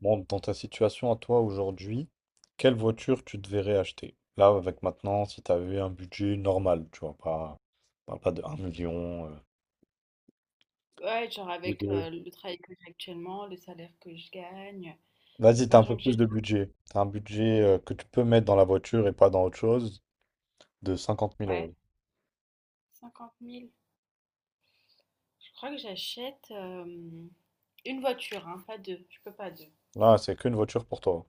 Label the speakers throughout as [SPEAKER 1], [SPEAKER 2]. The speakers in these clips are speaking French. [SPEAKER 1] Bon, dans ta situation à toi aujourd'hui, quelle voiture tu te verrais acheter? Là, avec maintenant, si tu avais un budget normal, tu vois, pas de un million,
[SPEAKER 2] Ouais, genre
[SPEAKER 1] ou
[SPEAKER 2] avec
[SPEAKER 1] de...
[SPEAKER 2] le travail que j'ai actuellement, le salaire que je gagne,
[SPEAKER 1] Vas-y, t'as un
[SPEAKER 2] l'argent
[SPEAKER 1] peu
[SPEAKER 2] que j'ai
[SPEAKER 1] plus
[SPEAKER 2] de...
[SPEAKER 1] de budget. T'as un budget que tu peux mettre dans la voiture et pas dans autre chose, de cinquante mille
[SPEAKER 2] Ouais,
[SPEAKER 1] euros.
[SPEAKER 2] 50 000. Je crois que j'achète une voiture, hein, pas deux. Je peux pas deux.
[SPEAKER 1] Là, c'est qu'une voiture pour toi.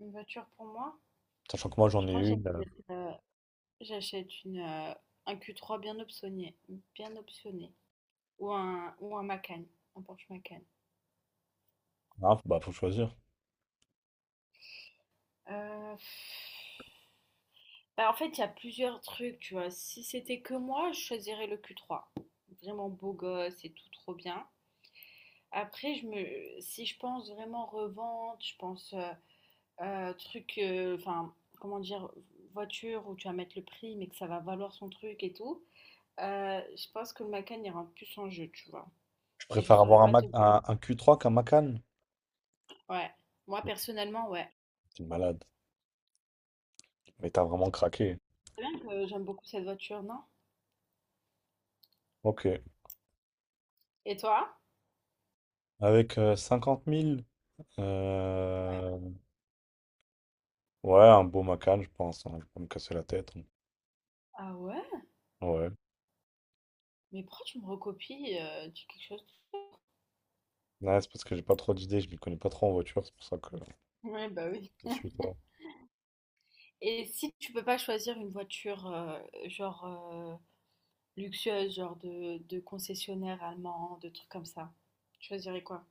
[SPEAKER 2] Une voiture pour moi?
[SPEAKER 1] Sachant que moi, j'en
[SPEAKER 2] Je
[SPEAKER 1] ai
[SPEAKER 2] crois que
[SPEAKER 1] une.
[SPEAKER 2] j'achète une un Q3 bien optionné, bien optionné. Ou un Macan, un Porsche Macan.
[SPEAKER 1] Ah, bah, faut choisir.
[SPEAKER 2] Euh, Bah, en fait, il y a plusieurs trucs, tu vois. Si c'était que moi, je choisirais le Q3. Vraiment beau gosse et tout, trop bien. Après, si je pense vraiment revente, je pense enfin, comment dire, voiture où tu vas mettre le prix, mais que ça va valoir son truc et tout, je pense que le Macan ira plus en jeu, tu vois.
[SPEAKER 1] Je
[SPEAKER 2] Et je
[SPEAKER 1] préfère
[SPEAKER 2] saurais
[SPEAKER 1] avoir un,
[SPEAKER 2] pas
[SPEAKER 1] Mac-
[SPEAKER 2] te dire.
[SPEAKER 1] un, un Q3 qu'un Macan.
[SPEAKER 2] Ouais. Moi,
[SPEAKER 1] Mais
[SPEAKER 2] personnellement, ouais.
[SPEAKER 1] t'es malade. Mais t'as vraiment craqué.
[SPEAKER 2] C'est bien que j'aime beaucoup cette voiture, non?
[SPEAKER 1] Ok.
[SPEAKER 2] Et toi?
[SPEAKER 1] Avec 50 000.
[SPEAKER 2] Ouais.
[SPEAKER 1] Ouais, un beau Macan, je pense, hein. Je vais pas me casser la tête, hein.
[SPEAKER 2] Ah ouais?
[SPEAKER 1] Ouais.
[SPEAKER 2] Mais pourquoi tu me recopies quelque chose?
[SPEAKER 1] Ouais, c'est parce que j'ai pas trop d'idées, je m'y connais pas trop en voiture, c'est pour ça que
[SPEAKER 2] Ouais, bah oui.
[SPEAKER 1] je suis pas.
[SPEAKER 2] Et si tu peux pas choisir une voiture, genre euh, luxueuses, genre de concessionnaires allemands, de trucs comme ça. Tu choisirais quoi?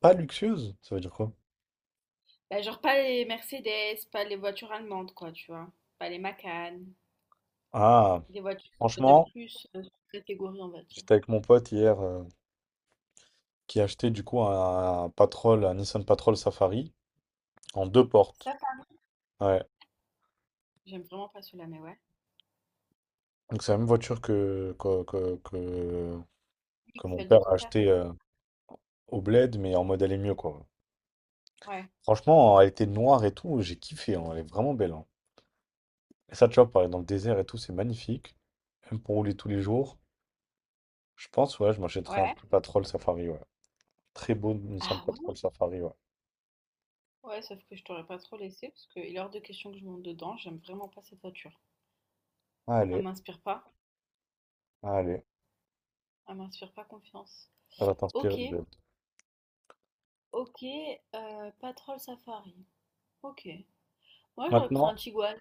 [SPEAKER 1] Pas luxueuse, ça veut dire quoi?
[SPEAKER 2] Bah, genre pas les Mercedes, pas les voitures allemandes, quoi, tu vois. Pas les Macan,
[SPEAKER 1] Ah,
[SPEAKER 2] des voitures de
[SPEAKER 1] franchement,
[SPEAKER 2] plus catégorie, on va dire.
[SPEAKER 1] j'étais avec mon pote hier, qui achetait du coup un Patrol, un Nissan Patrol Safari en deux
[SPEAKER 2] Ça,
[SPEAKER 1] portes.
[SPEAKER 2] par-
[SPEAKER 1] Ouais.
[SPEAKER 2] j'aime vraiment pas celui-là, mais ouais.
[SPEAKER 1] Donc c'est la même voiture que, que, que, que,
[SPEAKER 2] Oui,
[SPEAKER 1] que mon
[SPEAKER 2] celle de
[SPEAKER 1] père a
[SPEAKER 2] ton père.
[SPEAKER 1] acheté au Bled, mais en mode elle est mieux quoi.
[SPEAKER 2] Ouais.
[SPEAKER 1] Franchement, elle était noire et tout, j'ai kiffé, hein. Elle est vraiment belle, hein. Et ça, tu vois, pareil, dans le désert et tout, c'est magnifique. Même pour rouler tous les jours. Je pense, ouais, je m'achèterai un
[SPEAKER 2] Ouais.
[SPEAKER 1] petit Patrol Safari, ouais. Très beau Nissan
[SPEAKER 2] Ah ouais?
[SPEAKER 1] Patrol Safari, ouais.
[SPEAKER 2] Ouais, sauf que je t'aurais pas trop laissé parce qu'il est hors de question que je monte dedans. J'aime vraiment pas cette voiture. Elle
[SPEAKER 1] Allez,
[SPEAKER 2] m'inspire pas.
[SPEAKER 1] allez,
[SPEAKER 2] Elle m'inspire pas confiance.
[SPEAKER 1] ça va t'inspirer
[SPEAKER 2] Ok.
[SPEAKER 1] du bled.
[SPEAKER 2] Ok. Patrol Safari. Ok. Moi, j'aurais pris un
[SPEAKER 1] Maintenant,
[SPEAKER 2] Tiguan.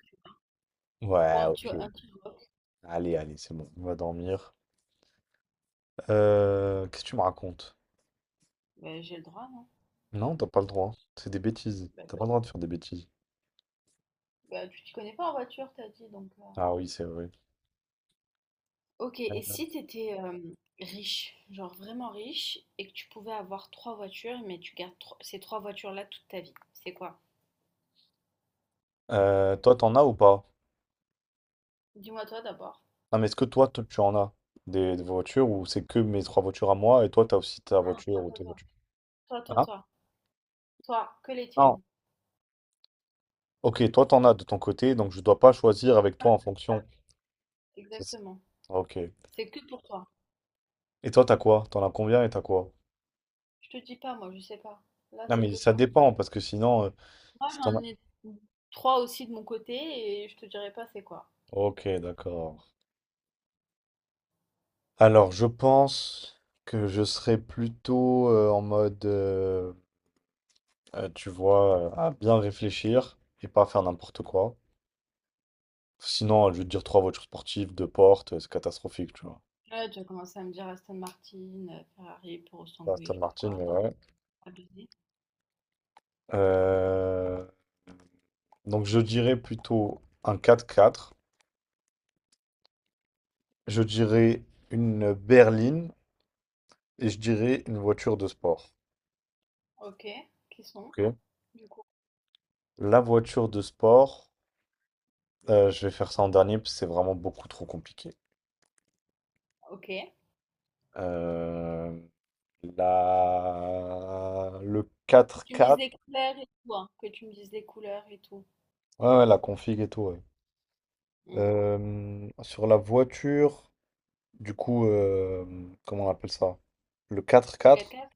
[SPEAKER 2] Ou
[SPEAKER 1] ouais,
[SPEAKER 2] un tu
[SPEAKER 1] ok.
[SPEAKER 2] un petit rock.
[SPEAKER 1] Allez, allez, c'est bon, on va dormir. Qu'est-ce que tu me racontes?
[SPEAKER 2] Ben, j'ai le droit, non?
[SPEAKER 1] Non, t'as pas le droit. C'est des bêtises.
[SPEAKER 2] Ben
[SPEAKER 1] T'as
[SPEAKER 2] oui.
[SPEAKER 1] pas le droit de faire des bêtises.
[SPEAKER 2] Bah, tu t'y connais pas en voiture, t'as dit, donc
[SPEAKER 1] Ah oui, c'est vrai.
[SPEAKER 2] Ok, et si t'étais riche, genre vraiment riche, et que tu pouvais avoir trois voitures, mais tu gardes ces trois voitures-là toute ta vie, c'est quoi?
[SPEAKER 1] Toi, t'en as ou pas?
[SPEAKER 2] Dis-moi toi d'abord.
[SPEAKER 1] Non, mais est-ce que toi, tu en as des voitures, ou c'est que mes trois voitures à moi et toi, t'as aussi ta
[SPEAKER 2] Toi,
[SPEAKER 1] voiture
[SPEAKER 2] toi,
[SPEAKER 1] ou tes
[SPEAKER 2] toi.
[SPEAKER 1] voitures?
[SPEAKER 2] Toi, toi,
[SPEAKER 1] Ah,
[SPEAKER 2] toi. Toi, que les
[SPEAKER 1] non.
[SPEAKER 2] tiennes.
[SPEAKER 1] Ok, toi t'en as de ton côté, donc je dois pas choisir avec toi
[SPEAKER 2] Voilà,
[SPEAKER 1] en fonction. C'est ça.
[SPEAKER 2] exactement.
[SPEAKER 1] Ok.
[SPEAKER 2] C'est que pour toi.
[SPEAKER 1] Et toi t'as quoi? T'en as combien et t'as quoi?
[SPEAKER 2] Je te dis pas, moi, je sais pas. Là,
[SPEAKER 1] Non
[SPEAKER 2] c'est
[SPEAKER 1] mais
[SPEAKER 2] que
[SPEAKER 1] ça
[SPEAKER 2] toi.
[SPEAKER 1] dépend parce que sinon,
[SPEAKER 2] Moi,
[SPEAKER 1] si t'en as...
[SPEAKER 2] j'en ai trois aussi de mon côté, et je te dirai pas c'est quoi.
[SPEAKER 1] Ok, d'accord. Alors je pense que je serais plutôt tu vois, à bien réfléchir et pas faire n'importe quoi. Sinon, je vais te dire trois voitures sportives, deux portes, c'est catastrophique, tu vois.
[SPEAKER 2] Ouais, tu as commencé à me dire Aston Martin, Ferrari, Puro
[SPEAKER 1] Pas
[SPEAKER 2] Sanguis,
[SPEAKER 1] Aston
[SPEAKER 2] je sais pas
[SPEAKER 1] Martin,
[SPEAKER 2] quoi.
[SPEAKER 1] mais
[SPEAKER 2] Non,
[SPEAKER 1] ouais.
[SPEAKER 2] abusé.
[SPEAKER 1] Euh, Donc je dirais plutôt un quatre-quatre. Je dirais une berline et je dirais une voiture de sport.
[SPEAKER 2] Ok, qui sont,
[SPEAKER 1] Ok.
[SPEAKER 2] du coup?
[SPEAKER 1] La voiture de sport, je vais faire ça en dernier parce que c'est vraiment beaucoup trop compliqué.
[SPEAKER 2] Ok.
[SPEAKER 1] Euh, la... Le quatre
[SPEAKER 2] Tu me dises
[SPEAKER 1] quatre.
[SPEAKER 2] les couleurs et tout, hein. Que tu me dises les couleurs et tout.
[SPEAKER 1] Ouais, ouais, la config et tout, ouais.
[SPEAKER 2] Hmm.
[SPEAKER 1] Sur la voiture, du coup, comment on appelle ça? Le quatre
[SPEAKER 2] Le quatre
[SPEAKER 1] quatre,
[SPEAKER 2] quatre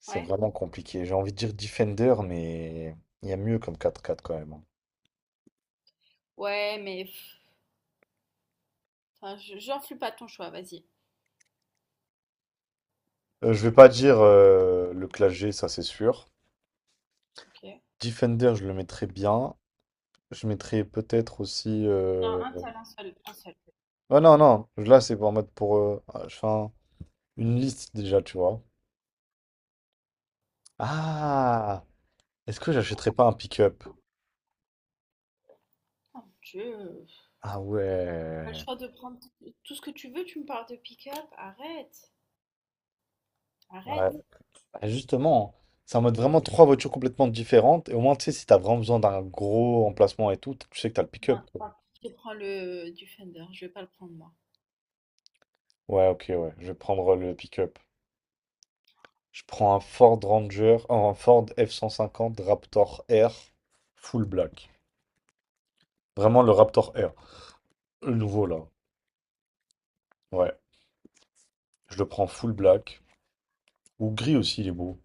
[SPEAKER 1] c'est
[SPEAKER 2] Ouais.
[SPEAKER 1] vraiment compliqué. J'ai envie de dire Defender, mais il y a mieux comme quatre quatre quand même, hein.
[SPEAKER 2] Ouais, mais... pff, enfin, j'influe pas ton choix, vas-y.
[SPEAKER 1] Je vais pas dire le Clash G, ça c'est sûr.
[SPEAKER 2] Ok.
[SPEAKER 1] Defender, je le mettrais bien. Je mettrais peut-être aussi.
[SPEAKER 2] Non, un seul, un seul, un seul.
[SPEAKER 1] Oh non, non, là c'est en mode pour. Je fais une liste déjà, tu vois. Ah! Est-ce que j'achèterais pas un pick-up?
[SPEAKER 2] Oh mon Dieu.
[SPEAKER 1] Ah
[SPEAKER 2] T'as le
[SPEAKER 1] ouais.
[SPEAKER 2] choix de prendre tout ce que tu veux, tu me parles de pick-up? Arrête,
[SPEAKER 1] Ouais.
[SPEAKER 2] arrête.
[SPEAKER 1] Ah, justement, c'est en mode vraiment trois voitures complètement différentes. Et au moins, tu sais, si t'as vraiment besoin d'un gros emplacement et tout, tu sais que t'as le
[SPEAKER 2] Non,
[SPEAKER 1] pick-up, quoi.
[SPEAKER 2] je prends le du Fender, je vais pas le prendre moi.
[SPEAKER 1] Ouais, ok, ouais. Je vais prendre le pick-up. Je prends un Ford Ranger, un Ford F-150 Raptor R, full black. Vraiment le Raptor R. Le nouveau là. Ouais. Je le prends full black. Ou gris aussi, il est beau.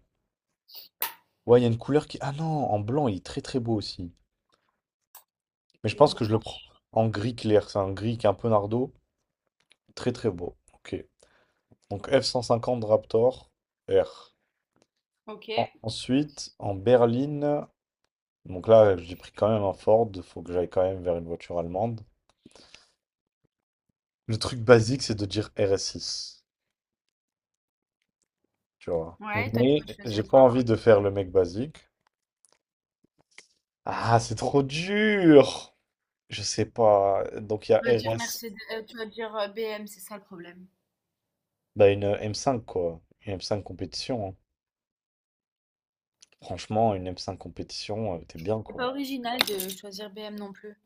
[SPEAKER 1] Ouais, il y a une couleur qui. Ah non, en blanc, il est très très beau aussi. Mais je
[SPEAKER 2] Ok, je
[SPEAKER 1] pense
[SPEAKER 2] m'en
[SPEAKER 1] que je le prends
[SPEAKER 2] fiche.
[SPEAKER 1] en gris clair. C'est un gris qui est un peu nardo. Très très beau. Ok. Donc F-150 Raptor R.
[SPEAKER 2] Ok.
[SPEAKER 1] Ensuite, en berline. Donc là, j'ai pris quand même un Ford. Faut que j'aille quand même vers une voiture allemande. Le truc basique, c'est de dire RS 6, tu vois.
[SPEAKER 2] Ouais, toi, tu
[SPEAKER 1] Mais
[SPEAKER 2] vas
[SPEAKER 1] j'ai
[SPEAKER 2] choisir
[SPEAKER 1] pas
[SPEAKER 2] quoi?
[SPEAKER 1] envie de faire le mec basique. Ah, c'est trop dur! Je sais pas. Donc il y a
[SPEAKER 2] Tu vas dire
[SPEAKER 1] RS,
[SPEAKER 2] Mercedes, tu vas dire BM, c'est ça le problème.
[SPEAKER 1] bah une M5 quoi. Une M5 compétition, hein. Franchement, une M5 compétition, t'es bien
[SPEAKER 2] C'est pas
[SPEAKER 1] quoi.
[SPEAKER 2] original de choisir BM non plus.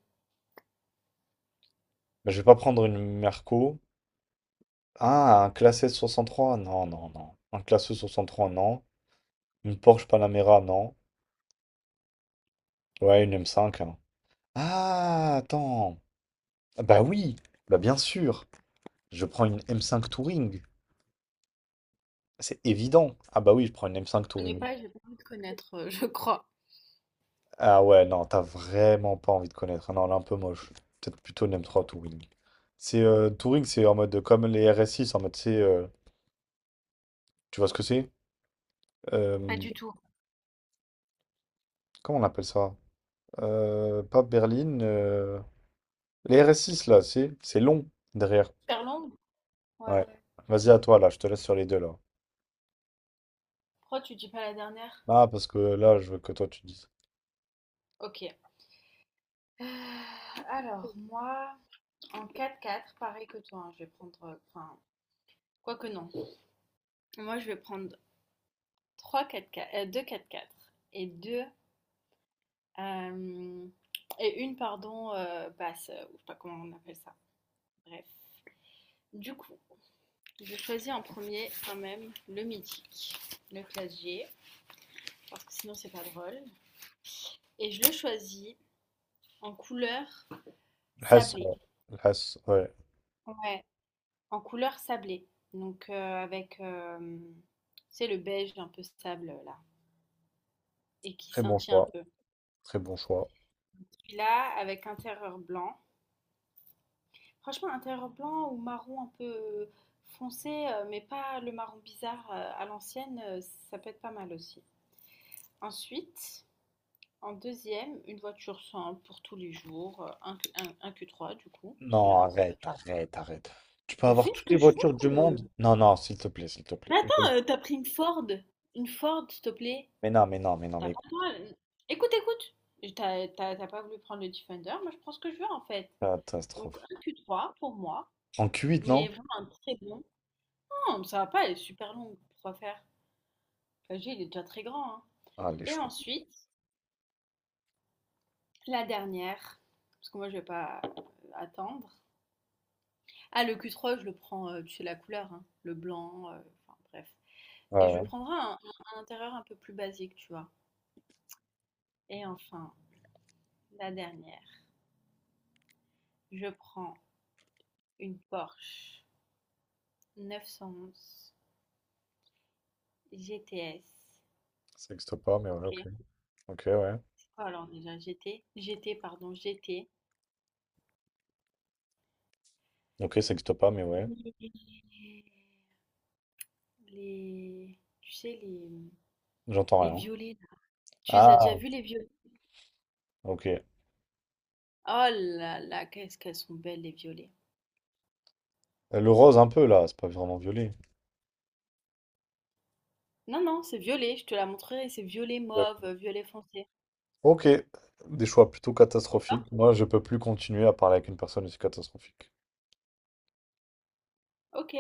[SPEAKER 1] Bah, je vais pas prendre une Merco. Ah, un classe S63? Non, non, non. Un classe E63, non. Une Porsche Panamera, non. Ouais, une M5, hein. Ah, attends. Ah bah oui, bah bien sûr. Je prends une M5 Touring. C'est évident. Ah bah oui, je prends une M5
[SPEAKER 2] Je connais
[SPEAKER 1] Touring.
[SPEAKER 2] pas, j'ai pas envie de connaître, je crois.
[SPEAKER 1] Ah ouais, non, t'as vraiment pas envie de connaître. Non, elle est un peu moche. Peut-être plutôt une M3 Touring. C'est Touring, c'est en mode comme les RS6, en mode c'est. Tu vois ce que c'est?
[SPEAKER 2] Pas
[SPEAKER 1] Euh,
[SPEAKER 2] du tout.
[SPEAKER 1] Comment on appelle ça? Pas berline. Les RS6 là, c'est long derrière.
[SPEAKER 2] Super longue? Ouais.
[SPEAKER 1] Ouais. Vas-y à toi là, je te laisse sur les deux là.
[SPEAKER 2] Pourquoi tu dis pas la dernière?
[SPEAKER 1] Ah parce que là, je veux que toi tu dises.
[SPEAKER 2] Ok. Euh, alors, moi, en 4-4, pareil que toi, hein, je vais prendre. Enfin, quoi que non. Moi, je vais prendre 3 4-4, 2 4-4 et 2 euh, et une, pardon, basse, ou je sais pas comment on appelle ça. Bref. Du coup, je choisis en premier quand même le mythique, le classier, parce que sinon c'est pas drôle. Et je le choisis en couleur
[SPEAKER 1] Le Hesse,
[SPEAKER 2] sablée.
[SPEAKER 1] ouais. Le Hesse, ouais.
[SPEAKER 2] Ouais, en couleur sablée. Donc avec, c'est le beige un peu sable là, et qui
[SPEAKER 1] Très bon
[SPEAKER 2] scintille un
[SPEAKER 1] choix.
[SPEAKER 2] peu.
[SPEAKER 1] Très bon choix.
[SPEAKER 2] Celui-là avec intérieur blanc. Franchement, intérieur blanc ou marron un peu foncé, mais pas le marron bizarre à l'ancienne, ça peut être pas mal aussi. Ensuite, en deuxième, une voiture simple pour tous les jours, un Q3 du coup, parce que
[SPEAKER 1] Non,
[SPEAKER 2] j'adore cette
[SPEAKER 1] arrête,
[SPEAKER 2] voiture.
[SPEAKER 1] arrête, arrête. Tu peux
[SPEAKER 2] Je
[SPEAKER 1] avoir
[SPEAKER 2] fais ce
[SPEAKER 1] toutes les
[SPEAKER 2] que je
[SPEAKER 1] voitures du
[SPEAKER 2] veux.
[SPEAKER 1] monde? Non, non, s'il te plaît, s'il te plaît.
[SPEAKER 2] Mais
[SPEAKER 1] Bon,
[SPEAKER 2] attends, t'as pris une Ford. Une Ford, s'il te plaît.
[SPEAKER 1] mais non, mais non, mais non,
[SPEAKER 2] T'as
[SPEAKER 1] mais
[SPEAKER 2] pas le
[SPEAKER 1] écoute,
[SPEAKER 2] droit. Écoute, écoute. Et t'as pas voulu prendre le Defender, moi je prends ce que je veux en fait. Donc
[SPEAKER 1] catastrophe.
[SPEAKER 2] un Q3 pour moi,
[SPEAKER 1] En Q8,
[SPEAKER 2] mais
[SPEAKER 1] non?
[SPEAKER 2] vraiment un très bon. Non, ça va pas, elle est super longue. Pourquoi faire? Enfin, je dis, il est déjà très grand, hein.
[SPEAKER 1] Ah, les
[SPEAKER 2] Et
[SPEAKER 1] choix.
[SPEAKER 2] ensuite, la dernière, parce que moi je vais pas attendre. Ah, le Q3, je le prends, tu sais la couleur, hein, le blanc, enfin bref.
[SPEAKER 1] Ouais,
[SPEAKER 2] Et je
[SPEAKER 1] ouais.
[SPEAKER 2] prendrai un intérieur un peu plus basique, tu vois? Et enfin, la dernière, je prends une Porsche 911 GTS.
[SPEAKER 1] Ça n'existe pas, mais ouais, ok.
[SPEAKER 2] OK,
[SPEAKER 1] Ok, ouais.
[SPEAKER 2] c'est quoi alors déjà? G T, pardon, GT.
[SPEAKER 1] Ok, ça n'existe pas, mais ouais.
[SPEAKER 2] Les les, tu sais, les, mmh,
[SPEAKER 1] J'entends
[SPEAKER 2] les
[SPEAKER 1] rien.
[SPEAKER 2] violets là. Tu les as
[SPEAKER 1] Ah,
[SPEAKER 2] déjà vus les violets?
[SPEAKER 1] ok.
[SPEAKER 2] Oh là là, qu'est-ce qu'elles sont belles les violets.
[SPEAKER 1] Le rose un peu, là, c'est pas vraiment violet.
[SPEAKER 2] Non, non, c'est violet, je te la montrerai, c'est violet
[SPEAKER 1] Yep.
[SPEAKER 2] mauve, violet foncé.
[SPEAKER 1] Ok, des choix plutôt
[SPEAKER 2] C'est ça?
[SPEAKER 1] catastrophiques. Moi, je peux plus continuer à parler avec une personne aussi catastrophique.
[SPEAKER 2] Ok.